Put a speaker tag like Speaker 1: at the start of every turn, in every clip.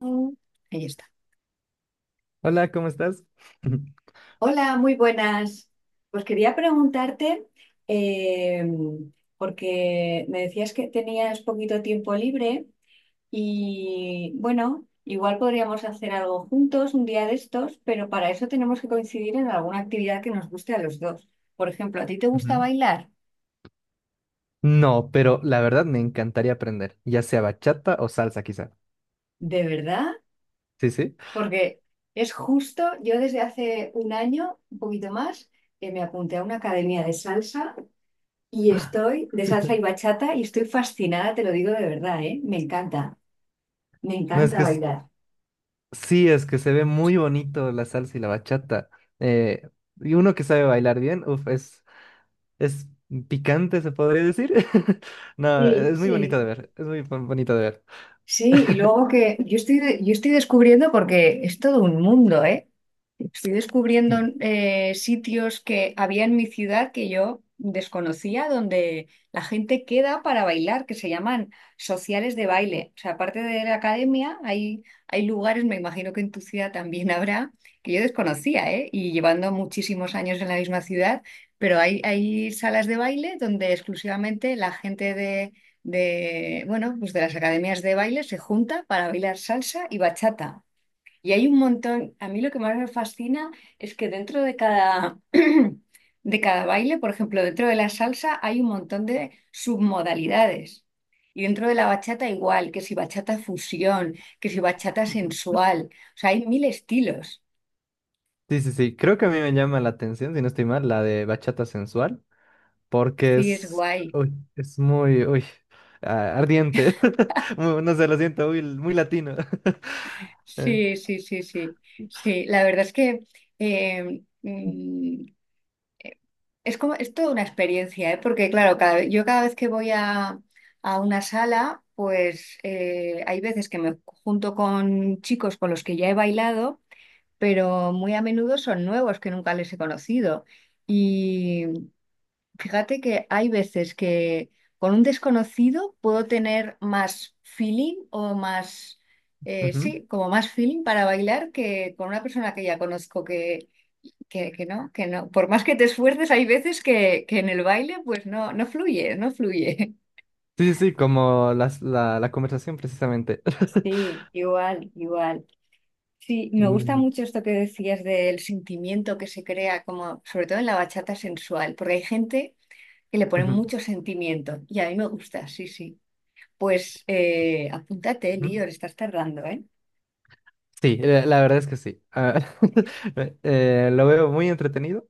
Speaker 1: Mm, ahí está.
Speaker 2: Hola, ¿cómo estás?
Speaker 1: Hola, muy buenas. Pues quería preguntarte, eh, porque me decías que tenías poquito tiempo libre y bueno, igual podríamos hacer algo juntos un día de estos, pero para eso tenemos que coincidir en alguna actividad que nos guste a los dos. Por ejemplo, ¿a ti te gusta
Speaker 2: Ujú.
Speaker 1: bailar?
Speaker 2: No, pero la verdad me encantaría aprender, ya sea bachata o salsa quizá.
Speaker 1: ¿De verdad?
Speaker 2: Sí, sí.
Speaker 1: Porque es justo, yo desde hace un año, un poquito más, que me apunté a una academia de salsa. Y estoy de salsa y bachata y estoy fascinada, te lo digo de verdad, ¿eh? Me
Speaker 2: No,
Speaker 1: encanta bailar.
Speaker 2: sí, es que se ve muy bonito la salsa y la bachata. Eh, y uno que sabe bailar bien, uf, es picante, se podría decir. No,
Speaker 1: Sí,
Speaker 2: es muy bonito de
Speaker 1: sí.
Speaker 2: ver, es muy bonito de ver.
Speaker 1: Sí, y luego que yo estoy, de- yo estoy descubriendo, porque es todo un mundo, ¿eh? Estoy descubriendo,
Speaker 2: Sí,
Speaker 1: sitios que había en mi ciudad que yo desconocía, donde la gente queda para bailar, que se llaman sociales de baile. O sea, aparte de la academia, hay lugares, me imagino que en tu ciudad también habrá, que yo desconocía, ¿eh? Y llevando muchísimos años en la misma ciudad, pero hay salas de baile donde exclusivamente la gente de, bueno, pues de las academias de baile se junta para bailar salsa y bachata. Y hay un montón, a mí lo que más me fascina es que dentro de cada, de cada baile, por ejemplo, dentro de la salsa hay un montón de submodalidades. Y dentro de la bachata igual, que si bachata fusión, que si bachata sensual. O sea, hay mil estilos.
Speaker 2: sí, sí, sí. Creo que a mí me llama la atención, si no estoy mal, la de bachata sensual, porque
Speaker 1: Sí, es
Speaker 2: es,
Speaker 1: guay.
Speaker 2: uy, es muy, uy, ardiente. No sé, lo siento, muy, muy latino. Eh,
Speaker 1: Sí, sí, sí, sí. Sí, la verdad es que eh, mm, es como, es toda una experiencia, ¿eh? Porque claro, yo cada vez que voy a una sala, pues hay veces que me junto con chicos con los que ya he bailado, pero muy a menudo son nuevos que nunca les he conocido. Y fíjate que hay veces que con un desconocido puedo tener más feeling o más,
Speaker 2: ujú.
Speaker 1: sí, como más feeling para bailar que con una persona que ya conozco, que no, que no. Por más que te esfuerces, hay veces que en el baile pues no, no fluye, no fluye.
Speaker 2: Sí, sí, sí, como la conversación precisamente.
Speaker 1: Sí, igual, igual. Sí, me gusta
Speaker 2: Mm,
Speaker 1: mucho esto que decías del sentimiento que se crea, como sobre todo en la bachata sensual, porque hay gente que le pone
Speaker 2: ujú,
Speaker 1: mucho sentimiento y a mí me gusta, sí, sí. Pues apúntate,
Speaker 2: ujú.
Speaker 1: Lior, estás tardando, ¿eh?
Speaker 2: Sí, la verdad es que sí. Ah, lo veo muy entretenido.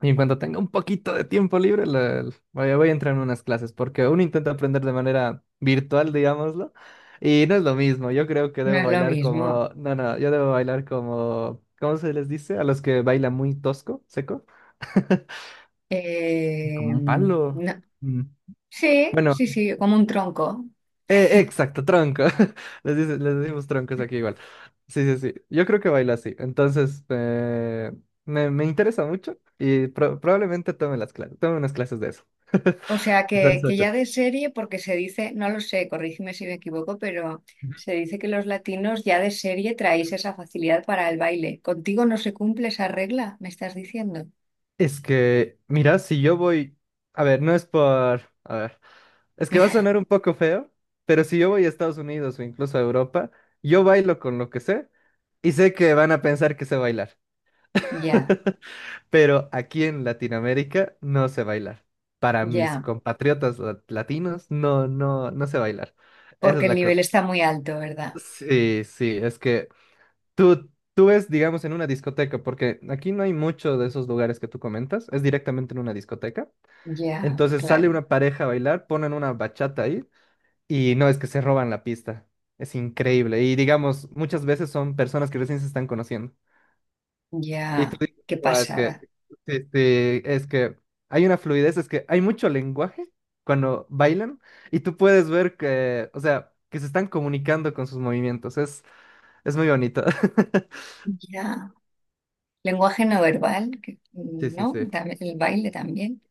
Speaker 2: Y en cuanto tenga un poquito de tiempo libre, voy a entrar en unas clases, porque uno intenta aprender de manera virtual, digámoslo, y no es lo mismo. Yo creo que
Speaker 1: No
Speaker 2: debo
Speaker 1: es lo
Speaker 2: bailar
Speaker 1: mismo.
Speaker 2: como, no, no, yo debo bailar como, ¿cómo se les dice? A los que bailan muy tosco, seco. Como un palo.
Speaker 1: No.
Speaker 2: Mm,
Speaker 1: Sí,
Speaker 2: Bueno,
Speaker 1: sí, sí, como un tronco.
Speaker 2: exacto, tronco. Les decimos troncos aquí igual. Sí, sí, sí. Yo creo que baila así. Entonces, me interesa mucho y probablemente tome las clases, tome unas clases de eso.
Speaker 1: O sea,
Speaker 2: Salsa
Speaker 1: que ya
Speaker 2: bachata.
Speaker 1: de serie, porque se dice, no lo sé, corrígeme si me equivoco, pero se dice que los latinos ya de serie traéis esa facilidad para el baile. ¿Contigo no se cumple esa regla? ¿Me estás diciendo?
Speaker 2: Es que, mira, si yo voy, a ver, no es por, a ver, es que va a sonar un poco feo, pero si yo voy a Estados Unidos o incluso a Europa, yo bailo con lo que sé y sé que van a pensar que sé bailar,
Speaker 1: Ya,
Speaker 2: pero aquí en Latinoamérica no sé bailar. Para mis
Speaker 1: ya,
Speaker 2: compatriotas latinos, no, no, no sé bailar. Esa
Speaker 1: porque
Speaker 2: es
Speaker 1: el
Speaker 2: la
Speaker 1: nivel
Speaker 2: cosa.
Speaker 1: está muy alto, ¿verdad?
Speaker 2: Sí, sí, es que Tú, tú ves, digamos, en una discoteca, porque aquí no hay mucho de esos lugares que tú comentas, es directamente en una discoteca.
Speaker 1: Ya,
Speaker 2: Entonces sale
Speaker 1: claro,
Speaker 2: una pareja a bailar, ponen una bachata ahí, y no es que se roban la pista. Es increíble. Y digamos, muchas veces son personas que recién se están conociendo. Y tú
Speaker 1: ya,
Speaker 2: dices:
Speaker 1: qué
Speaker 2: "Guau, es que,
Speaker 1: pasada.
Speaker 2: sí, sí, es que hay una fluidez, es que hay mucho lenguaje cuando bailan y tú puedes ver que, o sea, que se están comunicando con sus movimientos. Es muy bonito".
Speaker 1: Ya. Lenguaje no verbal,
Speaker 2: Sí, sí,
Speaker 1: ¿no?
Speaker 2: sí.
Speaker 1: El baile también.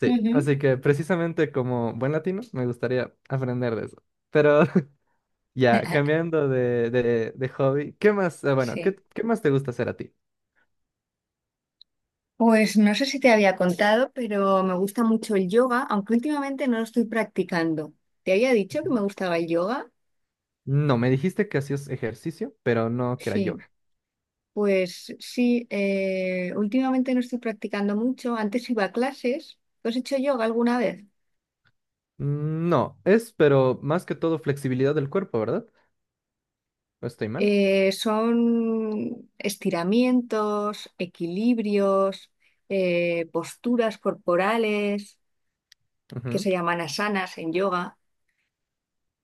Speaker 2: Sí,
Speaker 1: Ujú.
Speaker 2: así que precisamente como buen latino me gustaría aprender de eso. Pero ya, cambiando de hobby, ¿qué más? Bueno, ¿qué,
Speaker 1: Sí.
Speaker 2: qué más te gusta hacer a ti?
Speaker 1: Pues no sé si te había contado, pero me gusta mucho el yoga, aunque últimamente no lo estoy practicando. ¿Te había dicho que
Speaker 2: Ujú.
Speaker 1: me gustaba el yoga?
Speaker 2: No, me dijiste que hacías ejercicio, pero no que era
Speaker 1: Sí,
Speaker 2: yoga.
Speaker 1: pues sí, últimamente no estoy practicando mucho. Antes iba a clases. ¿Tú has hecho yoga alguna vez?
Speaker 2: No, pero más que todo flexibilidad del cuerpo, ¿verdad? ¿No estoy mal?
Speaker 1: Son estiramientos, equilibrios, posturas corporales, que
Speaker 2: Ujú,
Speaker 1: se llaman asanas en yoga.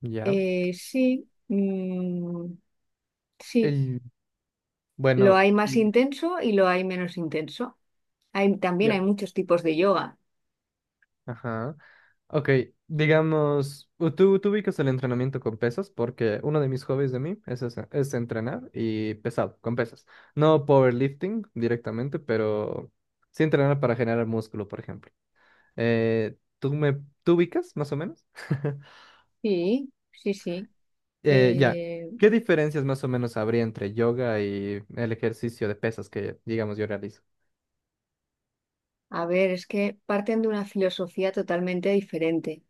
Speaker 2: ya.
Speaker 1: Sí. Sí,
Speaker 2: el
Speaker 1: lo
Speaker 2: bueno,
Speaker 1: hay más intenso y lo hay menos intenso. También hay
Speaker 2: ya,
Speaker 1: muchos tipos de yoga.
Speaker 2: ajá, ok, digamos, tú ubicas el entrenamiento con pesas porque uno de mis hobbies de mí es, es entrenar y pesado, con pesas. No powerlifting directamente, pero sí entrenar para generar músculo, por ejemplo. ¿Tú ubicas más o menos?
Speaker 1: Sí, sí, sí.
Speaker 2: Ya,
Speaker 1: Eh,
Speaker 2: ¿qué diferencias más o menos habría entre yoga y el ejercicio de pesas que, digamos, yo realizo?
Speaker 1: a ver, es que parten de una filosofía totalmente diferente,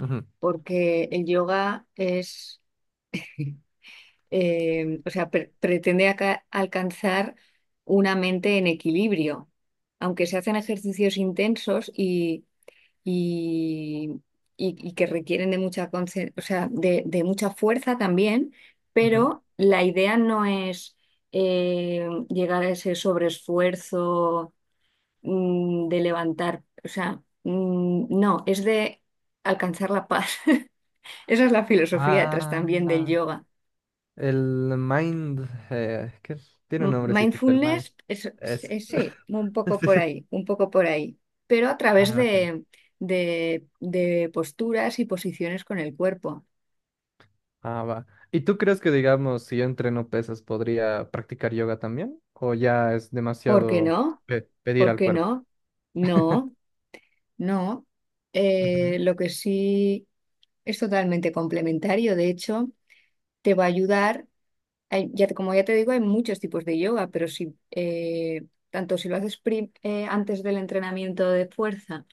Speaker 2: Ujú,
Speaker 1: porque el yoga es, o sea, pretende alcanzar una mente en equilibrio. Aunque se hacen ejercicios intensos y, y que requieren de mucha o sea, de mucha fuerza también,
Speaker 2: ujú.
Speaker 1: pero la idea no es llegar a ese sobreesfuerzo, de levantar, o sea, no, es de alcanzar la paz. Esa es la filosofía detrás
Speaker 2: Ah,
Speaker 1: también del yoga.
Speaker 2: el mind, ¿qué? Tiene un nombrecito, el mind.
Speaker 1: Mindfulness es,
Speaker 2: Eso.
Speaker 1: sí, un poco por ahí, un poco por ahí, pero a través
Speaker 2: Ah, ok.
Speaker 1: de, de posturas y posiciones con el cuerpo.
Speaker 2: Ah, va. ¿Y tú crees que, digamos, si yo entreno pesas, podría practicar yoga también? ¿O ya es
Speaker 1: ¿Por qué
Speaker 2: demasiado
Speaker 1: no?
Speaker 2: pedir
Speaker 1: ¿Por
Speaker 2: al
Speaker 1: qué
Speaker 2: cuerpo?
Speaker 1: no? No, no.
Speaker 2: Ujú.
Speaker 1: Lo que sí es totalmente complementario. De hecho, te va a ayudar. Ya, como ya te digo, hay muchos tipos de yoga, pero si tanto si lo haces antes del entrenamiento de fuerza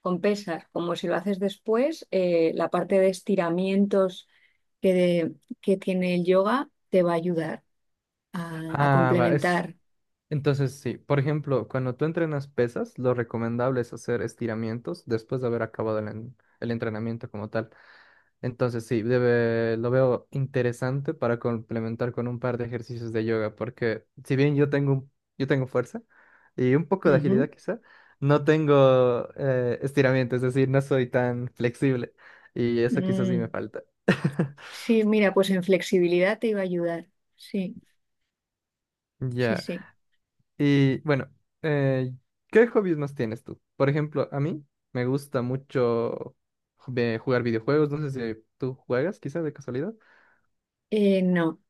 Speaker 1: con pesas, como si lo haces después, la parte de estiramientos que, de- que tiene el yoga te va a ayudar a
Speaker 2: Ah, va, es.
Speaker 1: complementar.
Speaker 2: Entonces, sí, por ejemplo, cuando tú entrenas pesas, lo recomendable es hacer estiramientos después de haber acabado el entrenamiento como tal. Entonces sí, lo veo interesante para complementar con un par de ejercicios de yoga, porque si bien yo tengo fuerza y un poco de
Speaker 1: Ujú.
Speaker 2: agilidad quizá, no tengo estiramiento, es decir, no soy tan flexible, y eso quizás sí me
Speaker 1: Mm.
Speaker 2: falta.
Speaker 1: Sí, mira, pues en flexibilidad te iba a ayudar. Sí, sí,
Speaker 2: Ya.
Speaker 1: sí.
Speaker 2: Y bueno, eh, ¿qué hobbies más tienes tú? Por ejemplo, a mí me gusta mucho jugar videojuegos, no sé si tú juegas quizá de casualidad.
Speaker 1: No,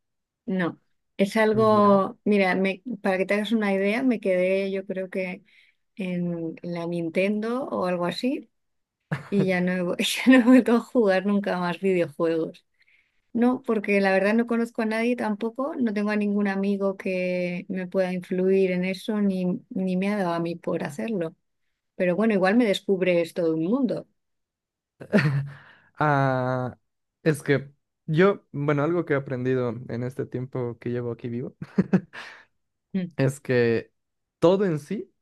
Speaker 1: no. Es
Speaker 2: Ya.
Speaker 1: algo, mira, para que te hagas una idea, me quedé yo creo que en la Nintendo o algo así y ya no he, vu- ya no he vuelto a jugar nunca más videojuegos. No, porque la verdad no conozco a nadie tampoco, no tengo a ningún amigo que me pueda influir en eso ni, ni me ha dado a mí por hacerlo. Pero bueno, igual me descubres todo un mundo.
Speaker 2: Ah, es que bueno, algo que he aprendido en este tiempo que llevo aquí vivo
Speaker 1: Mm,
Speaker 2: es que todo en sí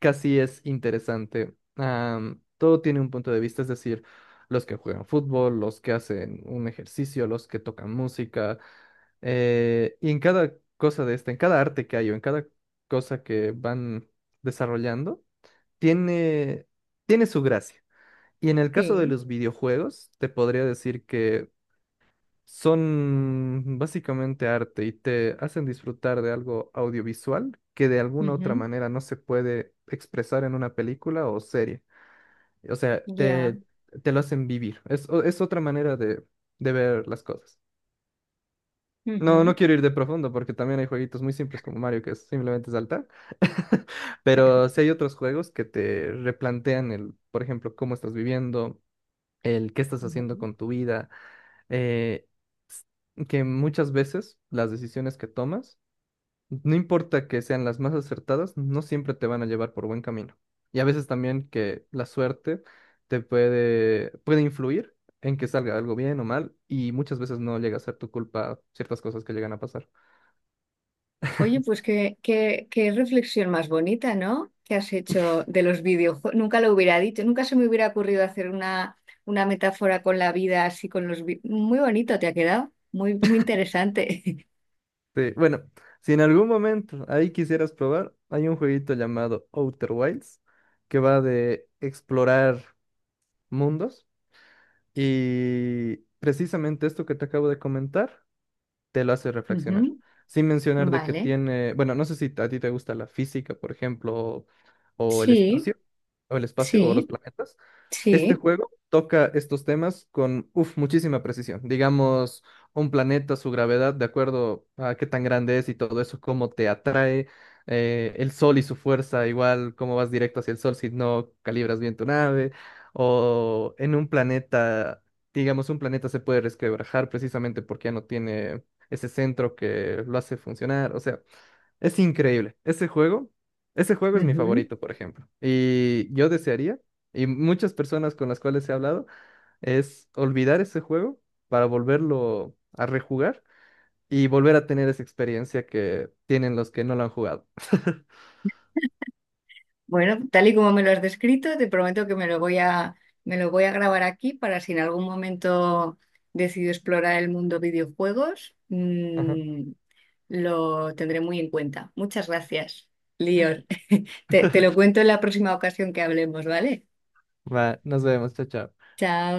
Speaker 2: casi es interesante. Todo tiene un punto de vista, es decir, los que juegan fútbol, los que hacen un ejercicio, los que tocan música, y en cada cosa de esta, en cada arte que hay o en cada cosa que van desarrollando, tiene, tiene su gracia. Y en el caso de
Speaker 1: sí.
Speaker 2: los videojuegos, te podría decir que son básicamente arte y te hacen disfrutar de algo audiovisual que de alguna otra
Speaker 1: Ujú.
Speaker 2: manera no se puede expresar en una película o serie. O sea,
Speaker 1: Ya.
Speaker 2: te lo hacen vivir. Es otra manera de ver las cosas. No, no
Speaker 1: Ujú,
Speaker 2: quiero ir de profundo porque también hay jueguitos muy simples como Mario, que es simplemente saltar. Pero sí hay otros juegos que te replantean el, por ejemplo, cómo estás viviendo, el qué estás haciendo
Speaker 1: ujú.
Speaker 2: con tu vida. eh, s- que muchas veces las decisiones que tomas, no importa que sean las más acertadas, no siempre te van a llevar por buen camino. Y a veces también que la suerte te puede influir en que salga algo bien o mal, y muchas veces no llega a ser tu culpa ciertas cosas que llegan a pasar.
Speaker 1: Oye, pues qué, qué, qué reflexión más bonita, ¿no? Que has hecho de los videojuegos. Nunca lo hubiera dicho, nunca se me hubiera ocurrido hacer una metáfora con la vida así con muy bonito te ha quedado, muy, muy interesante.
Speaker 2: Sí, bueno, si en algún momento ahí quisieras probar, hay un jueguito llamado Outer Wilds que va de explorar mundos. Y precisamente esto que te acabo de comentar te lo hace reflexionar.
Speaker 1: Ujú,
Speaker 2: Sin mencionar de que
Speaker 1: vale,
Speaker 2: tiene, bueno, no sé si a ti te gusta la física, por ejemplo, o el
Speaker 1: sí,
Speaker 2: espacio, o los
Speaker 1: sí,
Speaker 2: planetas. Este
Speaker 1: sí.
Speaker 2: juego toca estos temas con, uf, muchísima precisión. Digamos, un planeta, su gravedad, de acuerdo a qué tan grande es y todo eso, cómo te atrae, el sol y su fuerza, igual cómo vas directo hacia el sol si no calibras bien tu nave, o en un planeta, digamos, un planeta se puede resquebrajar precisamente porque ya no tiene ese centro que lo hace funcionar. O sea, es increíble. Ese juego es mi
Speaker 1: Ujú.
Speaker 2: favorito, por ejemplo. Y yo desearía, y muchas personas con las cuales he hablado, es olvidar ese juego para volverlo a rejugar y volver a tener esa experiencia que tienen los que no lo han jugado.
Speaker 1: Bueno, tal y como me lo has descrito, te prometo que me lo voy a, me lo voy a grabar aquí para si en algún momento decido explorar el mundo videojuegos.
Speaker 2: Ajá.
Speaker 1: Lo tendré muy en cuenta. Muchas gracias, Lior. Te lo cuento en la próxima ocasión que hablemos, ¿vale?
Speaker 2: Va, nos vemos, chao, chao.
Speaker 1: Chao.